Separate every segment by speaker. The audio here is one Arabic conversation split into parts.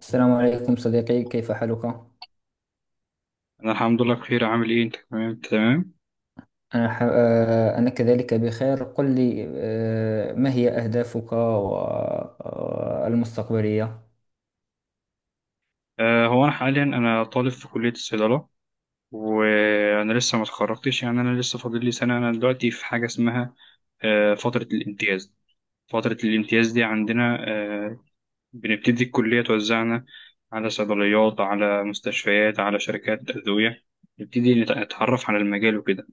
Speaker 1: السلام عليكم صديقي، كيف حالك؟
Speaker 2: انا الحمد لله بخير. عامل ايه انت؟ تمام تمام.
Speaker 1: أنا ح... آه، أنا كذلك بخير. قل لي، ما هي أهدافك المستقبلية؟
Speaker 2: هو انا حاليا طالب في كلية الصيدلة. وانا لسه ما اتخرجتش، يعني انا لسه فاضل لي سنة. انا دلوقتي في حاجة اسمها فترة الامتياز. فترة الامتياز دي عندنا بنبتدي الكلية توزعنا على صيدليات، على مستشفيات، على شركات أدوية. نبتدي نتعرف على المجال وكده.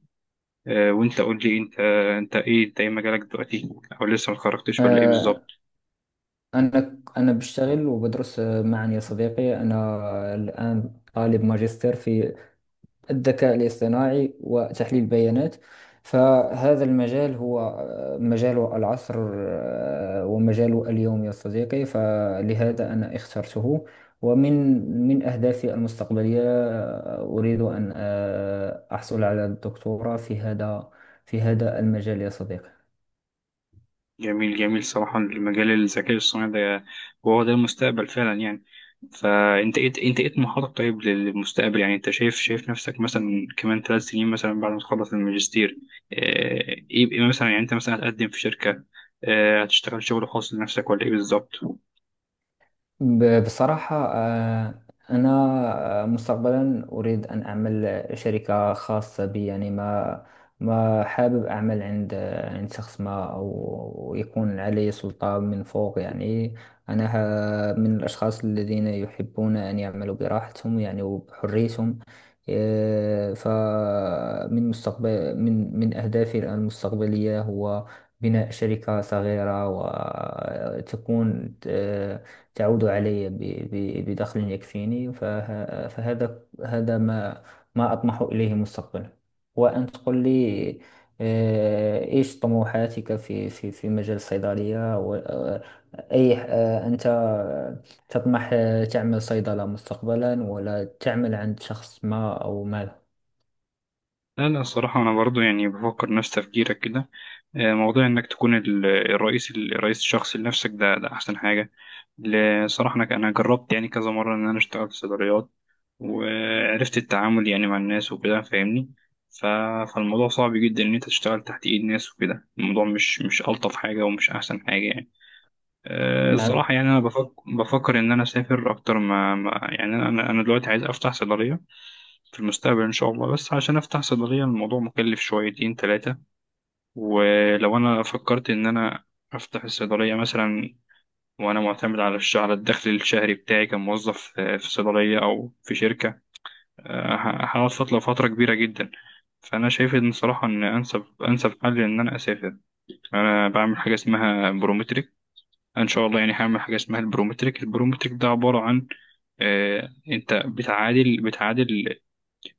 Speaker 2: وانت قول لي انت ايه مجالك دلوقتي، او لسه ما اتخرجتش ولا ايه
Speaker 1: آه،
Speaker 2: بالظبط؟
Speaker 1: أنا بشتغل وبدرس معا يا صديقي. أنا الآن طالب ماجستير في الذكاء الاصطناعي وتحليل البيانات. فهذا المجال هو مجال العصر، ومجال اليوم يا صديقي، فلهذا أنا اخترته. ومن أهدافي المستقبلية، أريد أن أحصل على الدكتوراه في هذا المجال يا صديقي.
Speaker 2: جميل جميل. صراحة المجال الذكاء الصناعي ده، هو ده المستقبل فعلا يعني. فأنت إيه طموحاتك طيب للمستقبل؟ يعني أنت شايف نفسك مثلا كمان ثلاث سنين مثلا بعد ما تخلص الماجستير؟ آه، إيه مثلا، يعني أنت مثلا هتقدم في شركة، هتشتغل شغل خاص لنفسك، ولا إيه بالظبط؟
Speaker 1: بصراحة، أنا مستقبلا أريد أن أعمل شركة خاصة بي، يعني ما حابب أعمل عند شخص ما، أو يكون علي سلطة من فوق يعني. أنا من الأشخاص الذين يحبون أن يعملوا براحتهم يعني، وبحريتهم. فمن مستقبل من أهدافي المستقبلية هو بناء شركة صغيرة، وتكون تعود علي بدخل يكفيني. فهذا ما أطمح إليه مستقبلا. وأن تقول لي، إيش طموحاتك في مجال الصيدلية، أي، أنت تطمح تعمل صيدلة مستقبلا، ولا تعمل عند شخص ما أو ما.
Speaker 2: لا، لا، الصراحة أنا برضو يعني بفكر نفس تفكيرك كده. موضوع إنك تكون الرئيس الشخصي لنفسك، ده أحسن حاجة. صراحة أنا جربت يعني كذا مرة إن أنا أشتغل في صيدليات، وعرفت التعامل يعني مع الناس وكده، فاهمني؟ ف- فالموضوع صعب جدا إن أنت تشتغل تحت إيد ناس وكده. الموضوع مش ألطف حاجة ومش أحسن حاجة يعني.
Speaker 1: نعم.
Speaker 2: الصراحة يعني أنا بفكر إن أنا أسافر أكتر يعني أنا دلوقتي عايز أفتح صيدلية في المستقبل إن شاء الله. بس عشان أفتح صيدلية، الموضوع مكلف شويتين تلاتة. ولو أنا فكرت إن أنا أفتح الصيدلية مثلا، وأنا معتمد على الدخل الشهري بتاعي كموظف في صيدلية أو في شركة، هقعد فترة كبيرة جدا. فأنا شايف إن صراحة إن أنسب حل إن أنا أسافر. أنا بعمل حاجة اسمها برومتريك إن شاء الله، يعني هعمل حاجة اسمها البرومتريك. البرومتريك ده عبارة عن، أنت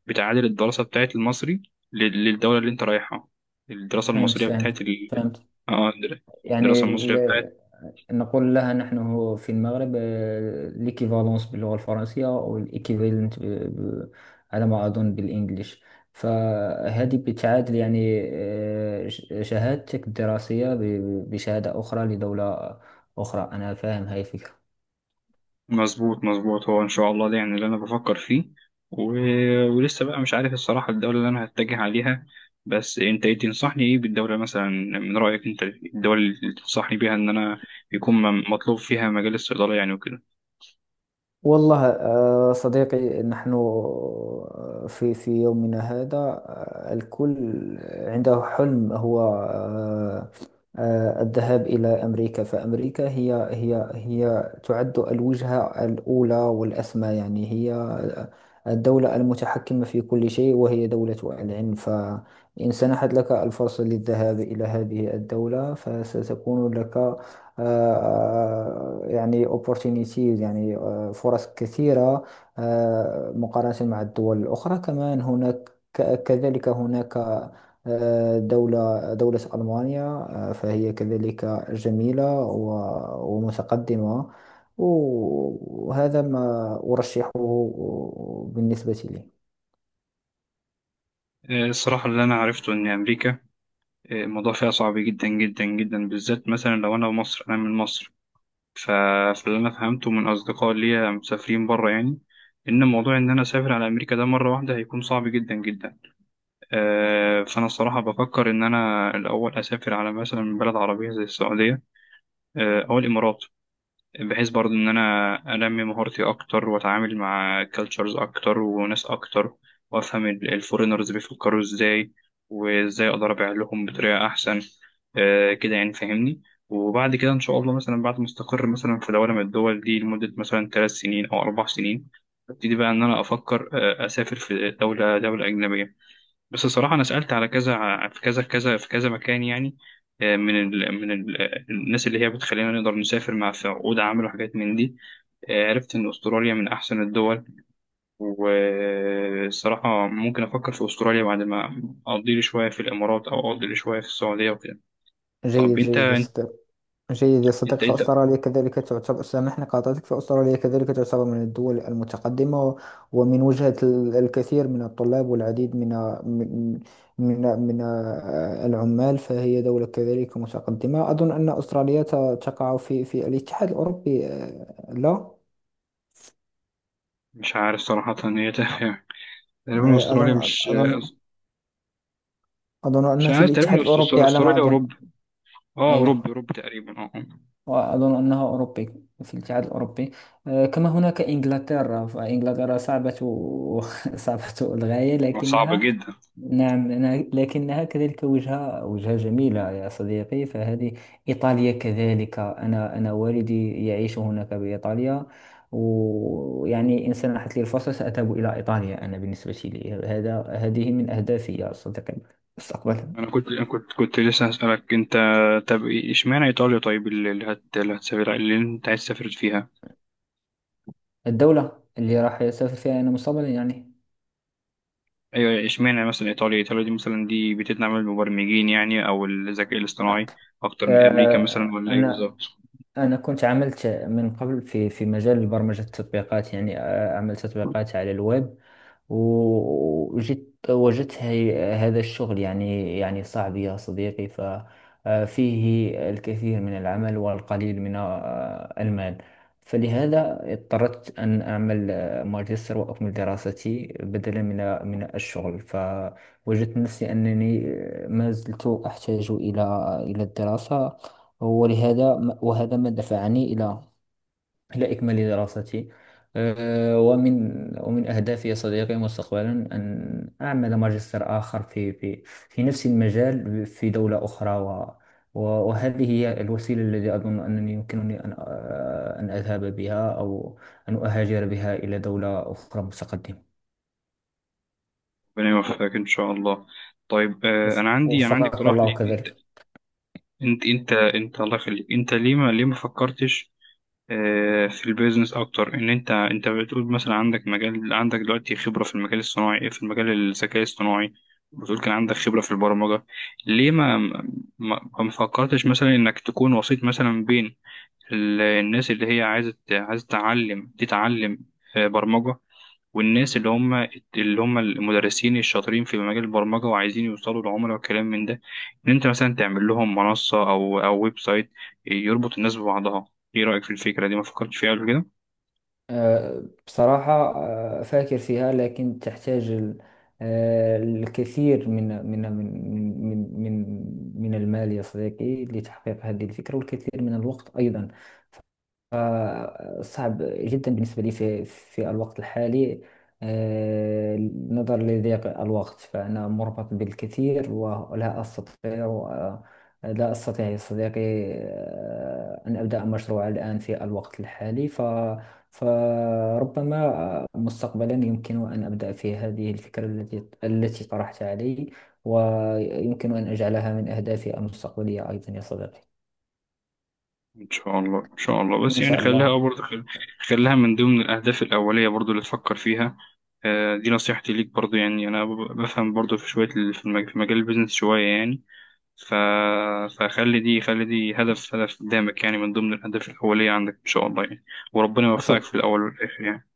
Speaker 2: بتعادل الدراسة بتاعت المصري للدولة اللي أنت رايحها. الدراسة
Speaker 1: فهمت
Speaker 2: المصرية
Speaker 1: فهمت
Speaker 2: بتاعت ال...
Speaker 1: فهمت.
Speaker 2: اه الدر-
Speaker 1: يعني،
Speaker 2: الدراسة المصرية بتاعت.
Speaker 1: نقول لها نحن هو في المغرب ليكيفالونس باللغة الفرنسية، أو الإيكيفالنت على ما أظن بالإنجليش. فهذه بتعادل يعني شهادتك الدراسية بشهادة أخرى لدولة أخرى. أنا فاهم هاي الفكرة.
Speaker 2: مظبوط مظبوط، هو إن شاء الله ده يعني اللي أنا بفكر فيه. و... ولسه بقى مش عارف الصراحة الدولة اللي أنا هتجه عليها. بس أنت إيه تنصحني، إيه بالدولة مثلا؟ من رأيك أنت، الدول اللي تنصحني بيها إن أنا يكون مطلوب فيها مجال الصيدلة يعني وكده.
Speaker 1: والله صديقي، نحن آه، في في يومنا هذا، الكل عنده حلم، هو الذهاب إلى أمريكا. فأمريكا هي تعد الوجهة الأولى والأسمى، يعني هي الدولة المتحكمة في كل شيء، وهي دولة العلم. فإن سنحت لك الفرصة للذهاب إلى هذه الدولة، فستكون لك يعني opportunities، يعني فرص كثيرة مقارنة مع الدول الأخرى. كمان هناك، كذلك هناك دولة ألمانيا، فهي كذلك جميلة ومتقدمة، وهذا ما أرشحه بالنسبة لي.
Speaker 2: الصراحة اللي أنا عرفته إن أمريكا، الموضوع فيها صعب جدا جدا جدا، بالذات مثلا لو أنا مصر. أنا من مصر، ف- فاللي أنا فهمته من أصدقاء ليا مسافرين بره يعني، إن موضوع إن أنا أسافر على أمريكا ده مرة واحدة هيكون صعب جدا جدا. فأنا الصراحة بفكر إن أنا الأول أسافر على مثلا بلد عربية زي السعودية، أو الإمارات، بحيث برضه إن أنا أنمي مهارتي أكتر، وأتعامل مع كالتشرز أكتر وناس أكتر، وأفهم الفورينرز بيفكروا إزاي، وإزاي أقدر أبيع لهم بطريقة أحسن. كده يعني، فاهمني؟ وبعد كده إن شاء الله مثلا بعد ما أستقر مثلا في دولة من الدول دي لمدة مثلا ثلاث سنين أو أربع سنين، أبتدي بقى إن أنا أفكر أسافر في دولة أجنبية. بس الصراحة أنا سألت على كذا في كذا كذا، في كذا مكان يعني، آه، من ال من ال الناس اللي هي بتخلينا نقدر نسافر مع في عقود عمل وحاجات من دي. عرفت إن أستراليا من أحسن الدول، والصراحة ممكن أفكر في أستراليا بعد ما أقضي لي شوية في الإمارات، أو أقضي لي شوية في السعودية وكده.
Speaker 1: جيد
Speaker 2: طب
Speaker 1: جيد يا
Speaker 2: أنت،
Speaker 1: صديقي. جيد يا
Speaker 2: أنت
Speaker 1: صديقي،
Speaker 2: أنت
Speaker 1: فأستراليا كذلك تعتبر، سامحني قاطعتك، فأستراليا كذلك تعتبر من الدول المتقدمة، ومن وجهة الكثير من الطلاب، والعديد من من من من العمال، فهي دولة كذلك متقدمة. أظن أن أستراليا تقع في في الاتحاد الأوروبي، لا،
Speaker 2: مش عارف صراحة، هي تقريبا
Speaker 1: آه،
Speaker 2: أستراليا
Speaker 1: أظن
Speaker 2: مش
Speaker 1: أظن أظن
Speaker 2: مش
Speaker 1: أنها في
Speaker 2: عارف.
Speaker 1: الاتحاد
Speaker 2: تقريبا
Speaker 1: الأوروبي على ما
Speaker 2: أستراليا
Speaker 1: أظن.
Speaker 2: أوروبا. أوروبا
Speaker 1: أيوه،
Speaker 2: أوروبا تقريبا، أه.
Speaker 1: وأظن أنه أوروبي في الاتحاد الأوروبي. كما هناك إنجلترا، فإنجلترا صعبة صعبة للغاية،
Speaker 2: آه، صعبة
Speaker 1: لكنها،
Speaker 2: جدا.
Speaker 1: نعم، لكنها كذلك وجهة جميلة يا صديقي. فهذه إيطاليا كذلك، أنا والدي يعيش هناك بإيطاليا، ويعني إن سنحت لي الفرصة سأذهب إلى إيطاليا. أنا بالنسبة لي، هذا هذه من أهدافي يا صديقي مستقبلا.
Speaker 2: انا كنت أنا كنت كنت لسه هسألك انت، طب اشمعنى ايطاليا؟ طيب اللي اللي هت اللي هتسافر اللي انت عايز تسافر فيها،
Speaker 1: الدولة اللي راح أسافر فيها أنا مستقبلا يعني.
Speaker 2: ايوه، اشمعنى مثلا ايطاليا دي بتدعم المبرمجين يعني، او الذكاء الاصطناعي اكتر من امريكا مثلا،
Speaker 1: آه،
Speaker 2: ولا ايه
Speaker 1: أنا
Speaker 2: بالظبط؟
Speaker 1: أنا كنت عملت من قبل في في مجال برمجة التطبيقات، يعني عملت تطبيقات على الويب، وجيت وجدت هذا الشغل، يعني صعب يا صديقي، ففيه الكثير من العمل والقليل من المال. فلهذا اضطررت أن أعمل ماجستير وأكمل دراستي بدلا من من الشغل. فوجدت نفسي أنني ما زلت أحتاج إلى إلى الدراسة. ولهذا وهذا ما دفعني إلى إلى إكمال دراستي. أه، ومن ومن أهدافي يا صديقي مستقبلا أن أعمل ماجستير آخر في نفس المجال في دولة أخرى، و- وهذه هي الوسيلة التي أظن أنني يمكنني أن أذهب بها، أو أن أهاجر بها إلى دولة أخرى متقدمة.
Speaker 2: ربنا يوفقك ان شاء الله. طيب، انا عندي
Speaker 1: وفقك
Speaker 2: اقتراح
Speaker 1: الله
Speaker 2: ليك انت
Speaker 1: كذلك.
Speaker 2: انت انت انت الله يخليك، انت ليه ما، فكرتش في البيزنس اكتر؟ ان انت، بتقول مثلا عندك دلوقتي خبره في المجال الذكاء الصناعي، بتقول كان عندك خبره في البرمجه. ليه ما فكرتش مثلا انك تكون وسيط مثلا بين الناس اللي هي عايزه تتعلم برمجه، والناس اللي هم المدرسين الشاطرين في مجال البرمجة، وعايزين يوصلوا لعملاء وكلام من ده؟ إن أنت مثلا تعمل لهم منصة، أو ويب سايت يربط الناس ببعضها. إيه رأيك في الفكرة دي؟ ما فكرتش فيها قبل كده؟
Speaker 1: بصراحة، أفكر فيها، لكن تحتاج الكثير من من من من من من المال يا صديقي لتحقيق هذه الفكرة، والكثير من الوقت أيضا. صعب جدا بالنسبة لي في في الوقت الحالي. آه، نظرا لضيق الوقت فأنا مربط بالكثير، ولا أستطيع، لا أستطيع يا صديقي، أن أبدأ مشروع الآن في الوقت الحالي. فربما مستقبلا يمكن أن أبدأ في هذه الفكرة التي طرحتها علي، ويمكن أن أجعلها من أهدافي المستقبلية أيضا يا صديقي.
Speaker 2: إن شاء الله، إن شاء الله. بس
Speaker 1: إن
Speaker 2: يعني
Speaker 1: شاء
Speaker 2: خليها
Speaker 1: الله.
Speaker 2: برضه، خليها من ضمن الأهداف الأولية برضه اللي تفكر فيها. دي نصيحتي ليك برضه يعني. أنا بفهم برضه في شوية في مجال البيزنس شوية يعني. ف... فخلي دي، خلي دي هدف قدامك يعني، من ضمن الأهداف الأولية عندك إن شاء الله يعني. وربنا يوفقك
Speaker 1: شكرا.
Speaker 2: في الأول والآخر يعني.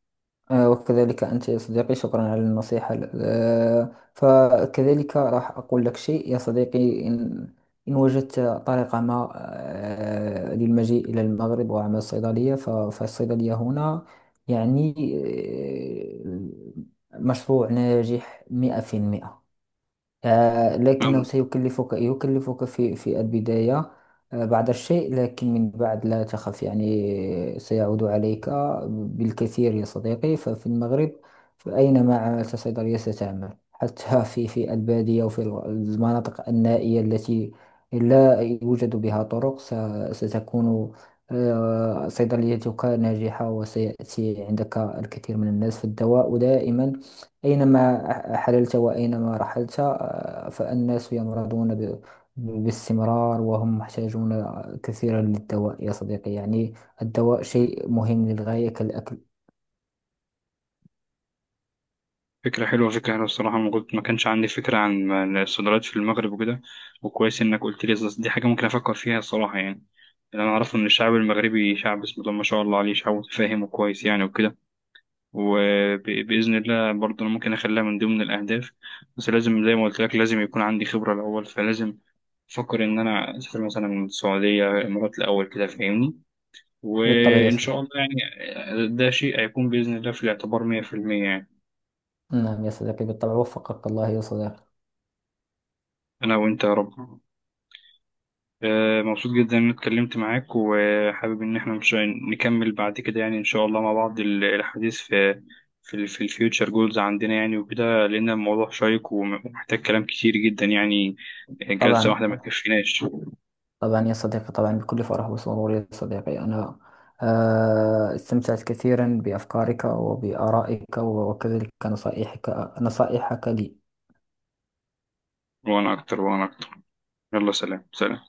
Speaker 1: وكذلك أنت يا صديقي، شكرا على النصيحة. فكذلك راح أقول لك شيء يا صديقي، إن إن وجدت طريقة ما للمجيء إلى المغرب وعمل الصيدلية، فالصيدلية هنا يعني مشروع ناجح 100%. لكنه
Speaker 2: يلا.
Speaker 1: سيكلفك يكلفك في في البداية بعض الشيء، لكن من بعد لا تخف، يعني سيعود عليك بالكثير يا صديقي. ففي المغرب، فأينما عملت صيدلية ستعمل، حتى في في البادية وفي المناطق النائية التي لا يوجد بها طرق. ستكون صيدليتك ناجحة، وسيأتي عندك الكثير من الناس، فالدواء دائما أينما حللت وأينما رحلت. فالناس يمرضون باستمرار، وهم محتاجون كثيرا للدواء يا صديقي، يعني الدواء شيء مهم للغاية كالأكل.
Speaker 2: فكرة حلوة، فكرة حلوة الصراحة. ما كانش عندي فكرة عن الصيدليات في المغرب وكده، وكويس إنك قلت لي، أصل دي حاجة ممكن أفكر فيها الصراحة يعني. اللي أنا أعرفه إن الشعب المغربي شعب، بسم الله ما شاء الله عليه، شعب متفاهم وكويس يعني وكده. وبإذن الله برضه أنا ممكن أخليها من ضمن الأهداف، بس لازم زي ما قلت لك، لازم يكون عندي خبرة الأول. فلازم بفكر إن أنا أسافر مثلا من السعودية، الإمارات الأول كده، فاهمني؟
Speaker 1: بالطبع يا
Speaker 2: وإن شاء
Speaker 1: صديقي.
Speaker 2: الله يعني ده شيء هيكون بإذن الله في الاعتبار 100% يعني.
Speaker 1: نعم يا صديقي بالطبع، وفقك الله يا صديقي.
Speaker 2: أنا وأنت يا رب. مبسوط جدا إن أنا اتكلمت معاك، وحابب إن إحنا مش نكمل بعد كده يعني إن شاء الله، مع بعض الحديث في في ال في الفيوتشر جولز عندنا يعني وكده، لأن الموضوع شيق ومحتاج كلام كتير جدا يعني، جلسة
Speaker 1: طبعا،
Speaker 2: واحدة ما تكفيناش.
Speaker 1: طبعا يا صديقي، طبعا بكل فرح وسرور يا صديقي. أنا استمتعت كثيرا بأفكارك وبآرائك، وكذلك نصائحك لي.
Speaker 2: وأنا أكتر، وأنا أكتر. يلا، سلام سلام.